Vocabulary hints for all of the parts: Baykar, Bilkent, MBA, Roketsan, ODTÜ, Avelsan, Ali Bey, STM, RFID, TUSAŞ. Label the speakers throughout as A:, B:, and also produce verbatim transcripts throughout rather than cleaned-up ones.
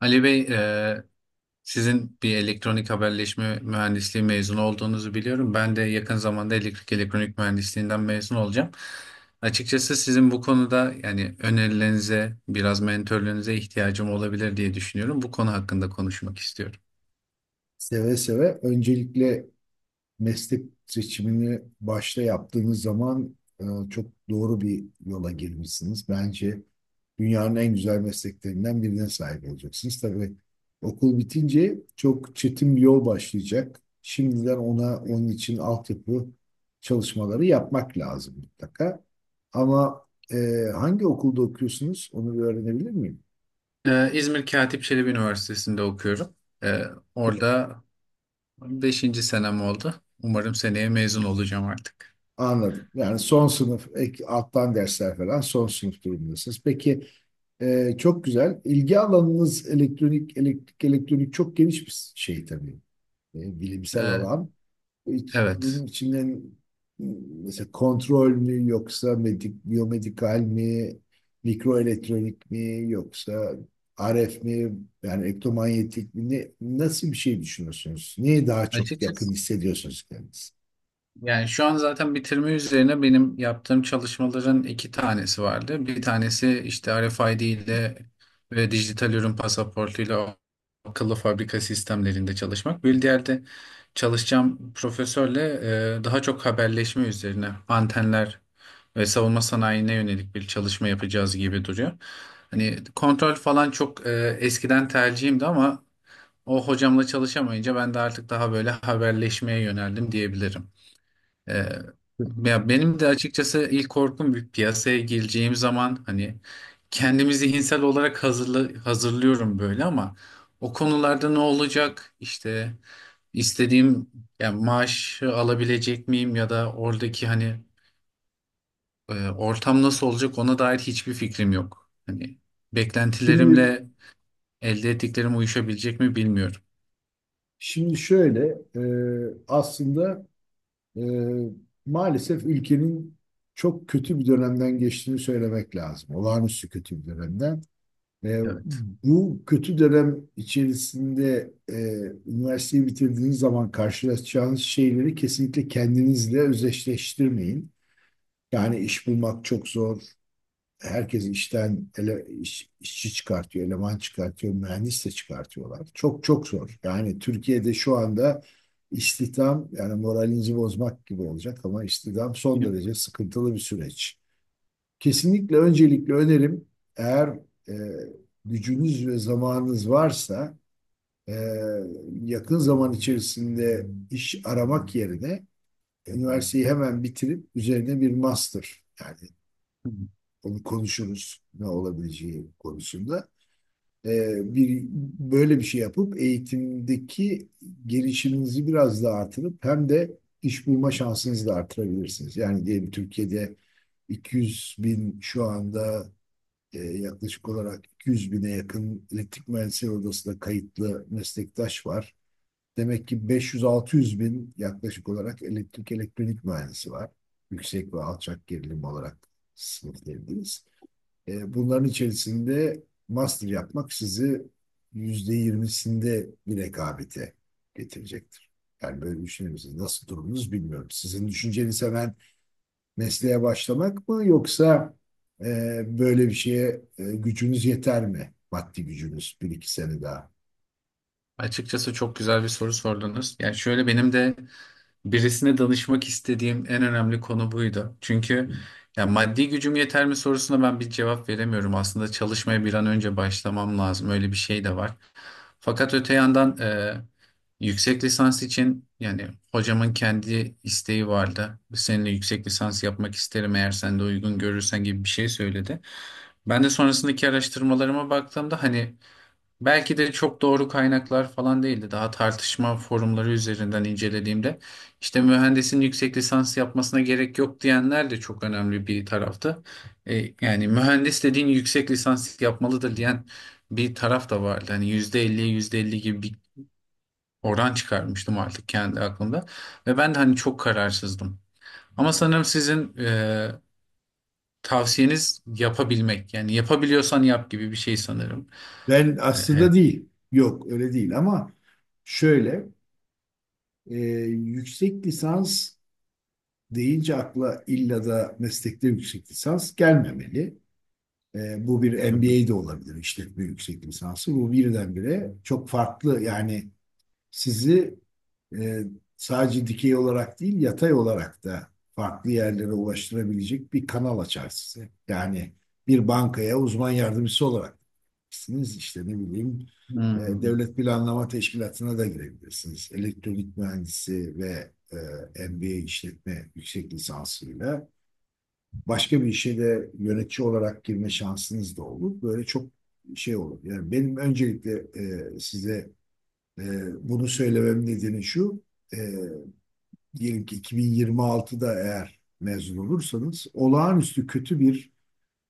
A: Ali Bey, e, sizin bir elektronik haberleşme mühendisliği mezunu olduğunuzu biliyorum. Ben de yakın zamanda elektrik elektronik mühendisliğinden mezun olacağım. Açıkçası sizin bu konuda yani önerilerinize, biraz mentörlüğünüze ihtiyacım olabilir diye düşünüyorum. Bu konu hakkında konuşmak istiyorum.
B: Seve seve. Öncelikle meslek seçimini başta yaptığınız zaman e, çok doğru bir yola girmişsiniz. Bence dünyanın en güzel mesleklerinden birine sahip olacaksınız. Tabii okul bitince çok çetin bir yol başlayacak. Şimdiden ona onun için altyapı çalışmaları yapmak lazım mutlaka. Ama e, hangi okulda okuyorsunuz onu bir öğrenebilir miyim?
A: E, İzmir Katip Çelebi Üniversitesi'nde okuyorum. E, Orada beşinci senem oldu. Umarım seneye mezun olacağım artık.
B: Anladım. Yani son sınıf, ek, alttan dersler falan son sınıf durumundasınız. Peki. Ee, çok güzel. İlgi alanınız elektronik, elektrik, elektronik çok geniş bir şey tabii. Ee, bilimsel
A: E,
B: alan. Hiç- bunun
A: evet.
B: içinden hmm, mesela kontrol mü yoksa medik, biyomedikal mi, mikroelektronik mi yoksa R F mi yani elektromanyetik mi, ne, nasıl bir şey düşünüyorsunuz? Neye daha çok
A: Açıkçası.
B: yakın hissediyorsunuz kendinizi?
A: Yani şu an zaten bitirme üzerine benim yaptığım çalışmaların iki tanesi vardı. Bir tanesi işte R F I D ile ve dijital ürün pasaportuyla akıllı fabrika sistemlerinde çalışmak. Bir diğer de çalışacağım profesörle e, daha çok haberleşme üzerine antenler ve savunma sanayine yönelik bir çalışma yapacağız gibi duruyor. Hani kontrol falan çok e, eskiden tercihimdi ama o hocamla çalışamayınca ben de artık daha böyle haberleşmeye yöneldim diyebilirim. Ee, Ya benim de açıkçası ilk korkum bir piyasaya gireceğim zaman hani kendimi zihinsel olarak hazırla, hazırlıyorum böyle ama o konularda ne olacak işte istediğim yani maaşı alabilecek miyim ya da oradaki hani e, ortam nasıl olacak ona dair hiçbir fikrim yok. Hani
B: Şimdi
A: beklentilerimle elde ettiklerim uyuşabilecek mi bilmiyorum.
B: şimdi şöyle, e, aslında, e, maalesef ülkenin çok kötü bir dönemden geçtiğini söylemek lazım. Olağanüstü kötü bir dönemden. E,
A: Evet.
B: Bu kötü dönem içerisinde e, üniversiteyi bitirdiğiniz zaman karşılaşacağınız şeyleri kesinlikle kendinizle özdeşleştirmeyin. Yani iş bulmak çok zor, herkes işten ele, iş- işçi çıkartıyor, eleman çıkartıyor, mühendis de çıkartıyorlar. Çok çok zor. Yani Türkiye'de şu anda istihdam, yani moralinizi bozmak gibi olacak ama istihdam son derece sıkıntılı bir süreç. Kesinlikle öncelikle önerim, eğer e, gücünüz ve zamanınız varsa e, yakın zaman içerisinde iş aramak yerine üniversiteyi hemen bitirip üzerine bir master, yani
A: Bilmiyorum.
B: onu konuşuruz ne olabileceği konusunda. Ee, bir böyle bir şey yapıp eğitimdeki gelişiminizi biraz daha artırıp hem de iş bulma şansınızı da artırabilirsiniz. Yani diyelim Türkiye'de iki yüz bin şu anda, e, yaklaşık olarak iki yüz bine yakın elektrik mühendisleri odasında kayıtlı meslektaş var. Demek ki beş yüz altı yüz bin yaklaşık olarak elektrik elektronik mühendisi var. Yüksek ve alçak gerilim olarak sınıflayabiliriz. E, bunların içerisinde master yapmak sizi yüzde yirmisinde bir rekabete getirecektir. Yani böyle düşünür müsünüz? Nasıl durumunuz bilmiyorum. Sizin düşünceniz hemen mesleğe başlamak mı yoksa e, böyle bir şeye e, gücünüz yeter mi? Maddi gücünüz, bir iki sene daha.
A: Açıkçası çok güzel bir soru sordunuz. Yani şöyle, benim de birisine danışmak istediğim en önemli konu buydu. Çünkü ya maddi gücüm yeter mi sorusuna ben bir cevap veremiyorum. Aslında çalışmaya bir an önce başlamam lazım. Öyle bir şey de var. Fakat öte yandan e, yüksek lisans için yani hocamın kendi isteği vardı. Seninle yüksek lisans yapmak isterim eğer sen de uygun görürsen gibi bir şey söyledi. Ben de sonrasındaki araştırmalarıma baktığımda hani belki de çok doğru kaynaklar falan değildi. Daha tartışma forumları üzerinden incelediğimde işte mühendisin yüksek lisans yapmasına gerek yok diyenler de çok önemli bir tarafta. E, Yani mühendis dediğin yüksek lisans yapmalıdır diyen bir taraf da vardı. Hani yüzde elliye yüzde elli gibi bir oran çıkarmıştım artık kendi aklımda. Ve ben de hani çok kararsızdım. Ama sanırım sizin e, tavsiyeniz yapabilmek. Yani yapabiliyorsan yap gibi bir şey sanırım.
B: Ben
A: E, her...
B: aslında değil. Yok öyle değil ama şöyle, e, yüksek lisans deyince akla illa da meslekte yüksek lisans gelmemeli. E, bu bir
A: Hı hı.
B: M B A de olabilir, işletme yüksek lisansı. Bu birdenbire çok farklı, yani sizi e, sadece dikey olarak değil yatay olarak da farklı yerlere ulaştırabilecek bir kanal açar size. Yani bir bankaya uzman yardımcısı olarak girebilirsiniz. İşte ne bileyim, e,
A: Hmm.
B: Devlet Planlama Teşkilatı'na da girebilirsiniz. Elektronik mühendisi ve e, M B A, işletme yüksek lisansıyla başka bir işe de yönetici olarak girme şansınız da olur. Böyle çok şey olur. Yani benim öncelikle e, size e, bunu söylemem nedeni şu. E, Diyelim ki iki bin yirmi altıda eğer mezun olursanız olağanüstü kötü bir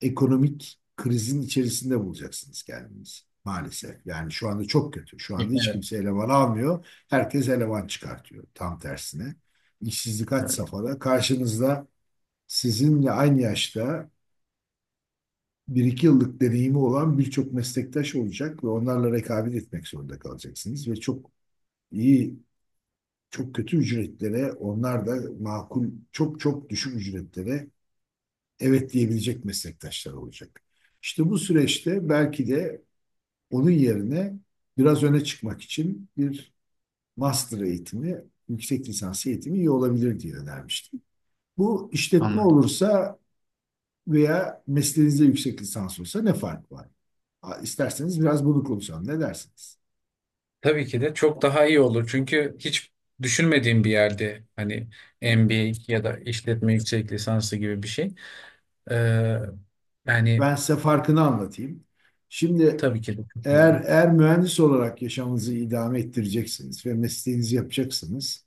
B: ekonomik krizin içerisinde bulacaksınız kendinizi. Maalesef. Yani şu anda çok kötü. Şu anda hiç kimse eleman almıyor. Herkes eleman çıkartıyor. Tam tersine. İşsizlik had
A: Evet,
B: safhada. Karşınızda sizinle aynı yaşta, bir iki yıllık deneyimi olan birçok meslektaş olacak ve onlarla rekabet etmek zorunda kalacaksınız ve çok iyi, çok kötü ücretlere, onlar da makul, çok çok düşük ücretlere evet diyebilecek meslektaşlar olacak. İşte bu süreçte belki de onun yerine biraz öne çıkmak için bir master eğitimi, yüksek lisans eğitimi iyi olabilir diye önermiştim. Bu işletme
A: anladım.
B: olursa veya mesleğinizde yüksek lisans olsa ne fark var? İsterseniz biraz bunu konuşalım. Ne dersiniz?
A: Tabii ki de çok daha iyi olur. Çünkü hiç düşünmediğim bir yerde hani M B A ya da işletme yüksek lisansı gibi bir şey. Ee, Yani
B: Ben size farkını anlatayım. Şimdi,
A: tabii ki de çok
B: eğer
A: önemli.
B: eğer mühendis olarak yaşamınızı idame ettireceksiniz ve mesleğinizi yapacaksınız.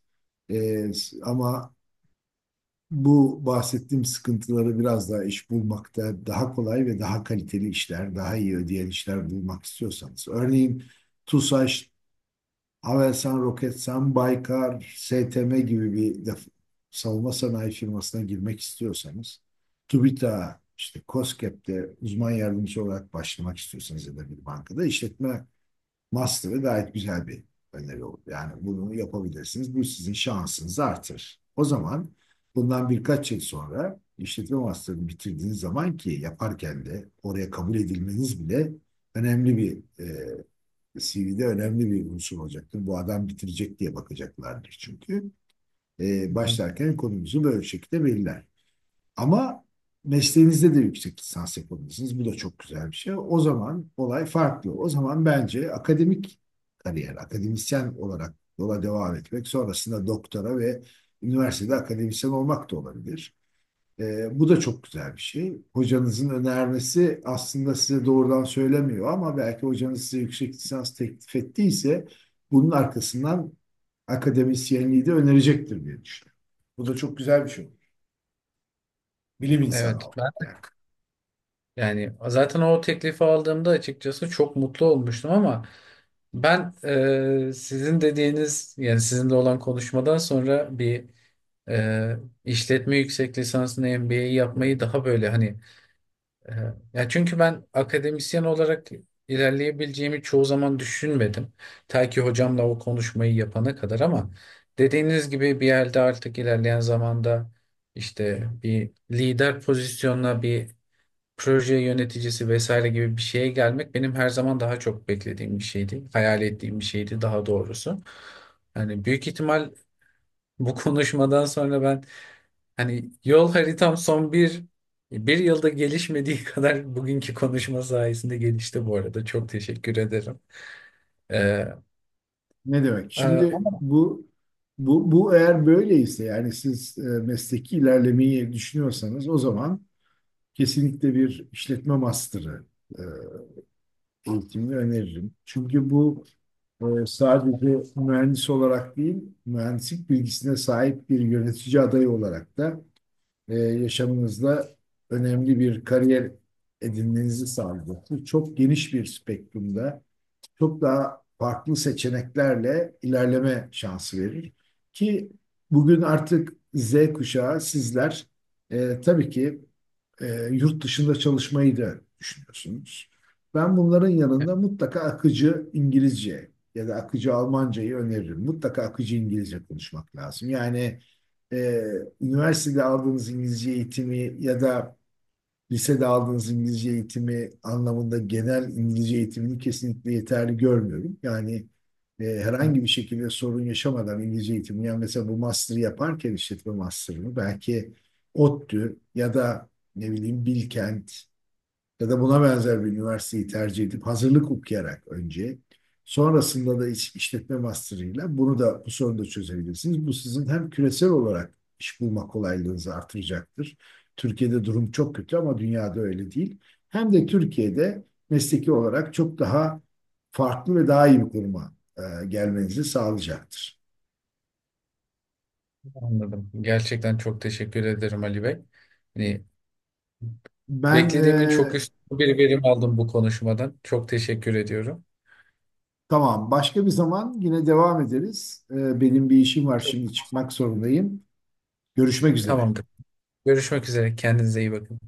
B: Ee, Ama bu bahsettiğim sıkıntıları, biraz daha iş bulmakta daha kolay ve daha kaliteli işler, daha iyi ödeyen işler bulmak istiyorsanız, örneğin TUSAŞ, Avelsan, Roketsan, Baykar, S T M gibi bir def- savunma sanayi firmasına girmek istiyorsanız, TÜBİTAK'a, işte KOSGEB'de uzman yardımcı olarak başlamak istiyorsanız ya da bir bankada, işletme master'ı gayet güzel bir öneri olur. Yani bunu yapabilirsiniz. Bu sizin şansınızı artırır. O zaman bundan birkaç yıl sonra işletme master'ını bitirdiğiniz zaman, ki yaparken de oraya kabul edilmeniz bile önemli bir, e, C V'de önemli bir unsur olacaktır. Bu adam bitirecek diye bakacaklardır çünkü. Ee,
A: Hı hı.
B: başlarken konumuzu böyle şekilde belirler. Ama mesleğinizde de yüksek lisans yapabilirsiniz. Bu da çok güzel bir şey. O zaman olay farklı. O zaman bence akademik kariyer, akademisyen olarak yola devam etmek, sonrasında doktora ve üniversitede akademisyen olmak da olabilir. Ee, bu da çok güzel bir şey. Hocanızın önermesi aslında size doğrudan söylemiyor ama belki hocanız size yüksek lisans teklif ettiyse, bunun arkasından akademisyenliği de önerecektir diye düşünüyorum. Bu da çok güzel bir şey olur. Bilim insanı
A: Evet
B: olmak
A: ben
B: yani.
A: yani zaten o teklifi aldığımda açıkçası çok mutlu olmuştum ama ben e, sizin dediğiniz yani sizinle olan konuşmadan sonra bir e, işletme yüksek lisansını M B A'yi yapmayı daha böyle hani. Aha. Ya çünkü ben akademisyen olarak ilerleyebileceğimi çoğu zaman düşünmedim. Ta ki hocamla o konuşmayı yapana kadar, ama dediğiniz gibi bir yerde artık ilerleyen zamanda işte bir lider pozisyonuna, bir proje yöneticisi vesaire gibi bir şeye gelmek benim her zaman daha çok beklediğim bir şeydi. Hayal ettiğim bir şeydi daha doğrusu. Yani büyük ihtimal bu konuşmadan sonra ben, hani yol haritam son bir bir yılda gelişmediği kadar bugünkü konuşma sayesinde gelişti bu arada. Çok teşekkür ederim. Ee,
B: Ne demek?
A: e,
B: Şimdi
A: Ama
B: bu bu, bu eğer böyleyse, yani siz e, mesleki ilerlemeyi düşünüyorsanız, o zaman kesinlikle bir işletme master'ı e, eğitimini öneririm. Çünkü bu e, sadece mühendis olarak değil, mühendislik bilgisine sahip bir yönetici adayı olarak da e, yaşamınızda önemli bir kariyer edinmenizi sağlayacaktır. Çok geniş bir spektrumda çok daha farklı seçeneklerle ilerleme şansı verir. Ki bugün artık Z kuşağı sizler e, tabii ki e, yurt dışında çalışmayı da düşünüyorsunuz. Ben bunların yanında mutlaka akıcı İngilizce ya da akıcı Almancayı öneririm. Mutlaka akıcı İngilizce konuşmak lazım. Yani e, üniversitede aldığınız İngilizce eğitimi ya da lisede aldığınız İngilizce eğitimi anlamında, genel İngilizce eğitimini kesinlikle yeterli görmüyorum. Yani e, herhangi bir şekilde sorun yaşamadan İngilizce eğitimini, yani mesela bu master'ı yaparken, işletme master'ını belki ODTÜ ya da ne bileyim Bilkent ya da buna benzer bir üniversiteyi tercih edip hazırlık okuyarak önce, sonrasında da iş- işletme master'ıyla bunu da, bu sorunu da çözebilirsiniz. Bu sizin hem küresel olarak iş bulma kolaylığınızı artıracaktır. Türkiye'de durum çok kötü ama dünyada öyle değil. Hem de Türkiye'de mesleki olarak çok daha farklı ve daha iyi bir konuma e, gelmenizi sağlayacaktır.
A: anladım. Gerçekten çok teşekkür ederim Ali Bey. Hani
B: Ben
A: beklediğimin çok
B: e,
A: üstü bir verim aldım bu konuşmadan. Çok teşekkür ediyorum.
B: tamam, başka bir zaman yine devam ederiz. E, benim bir işim var, şimdi çıkmak zorundayım. Görüşmek üzere.
A: Tamamdır. Görüşmek üzere. Kendinize iyi bakın.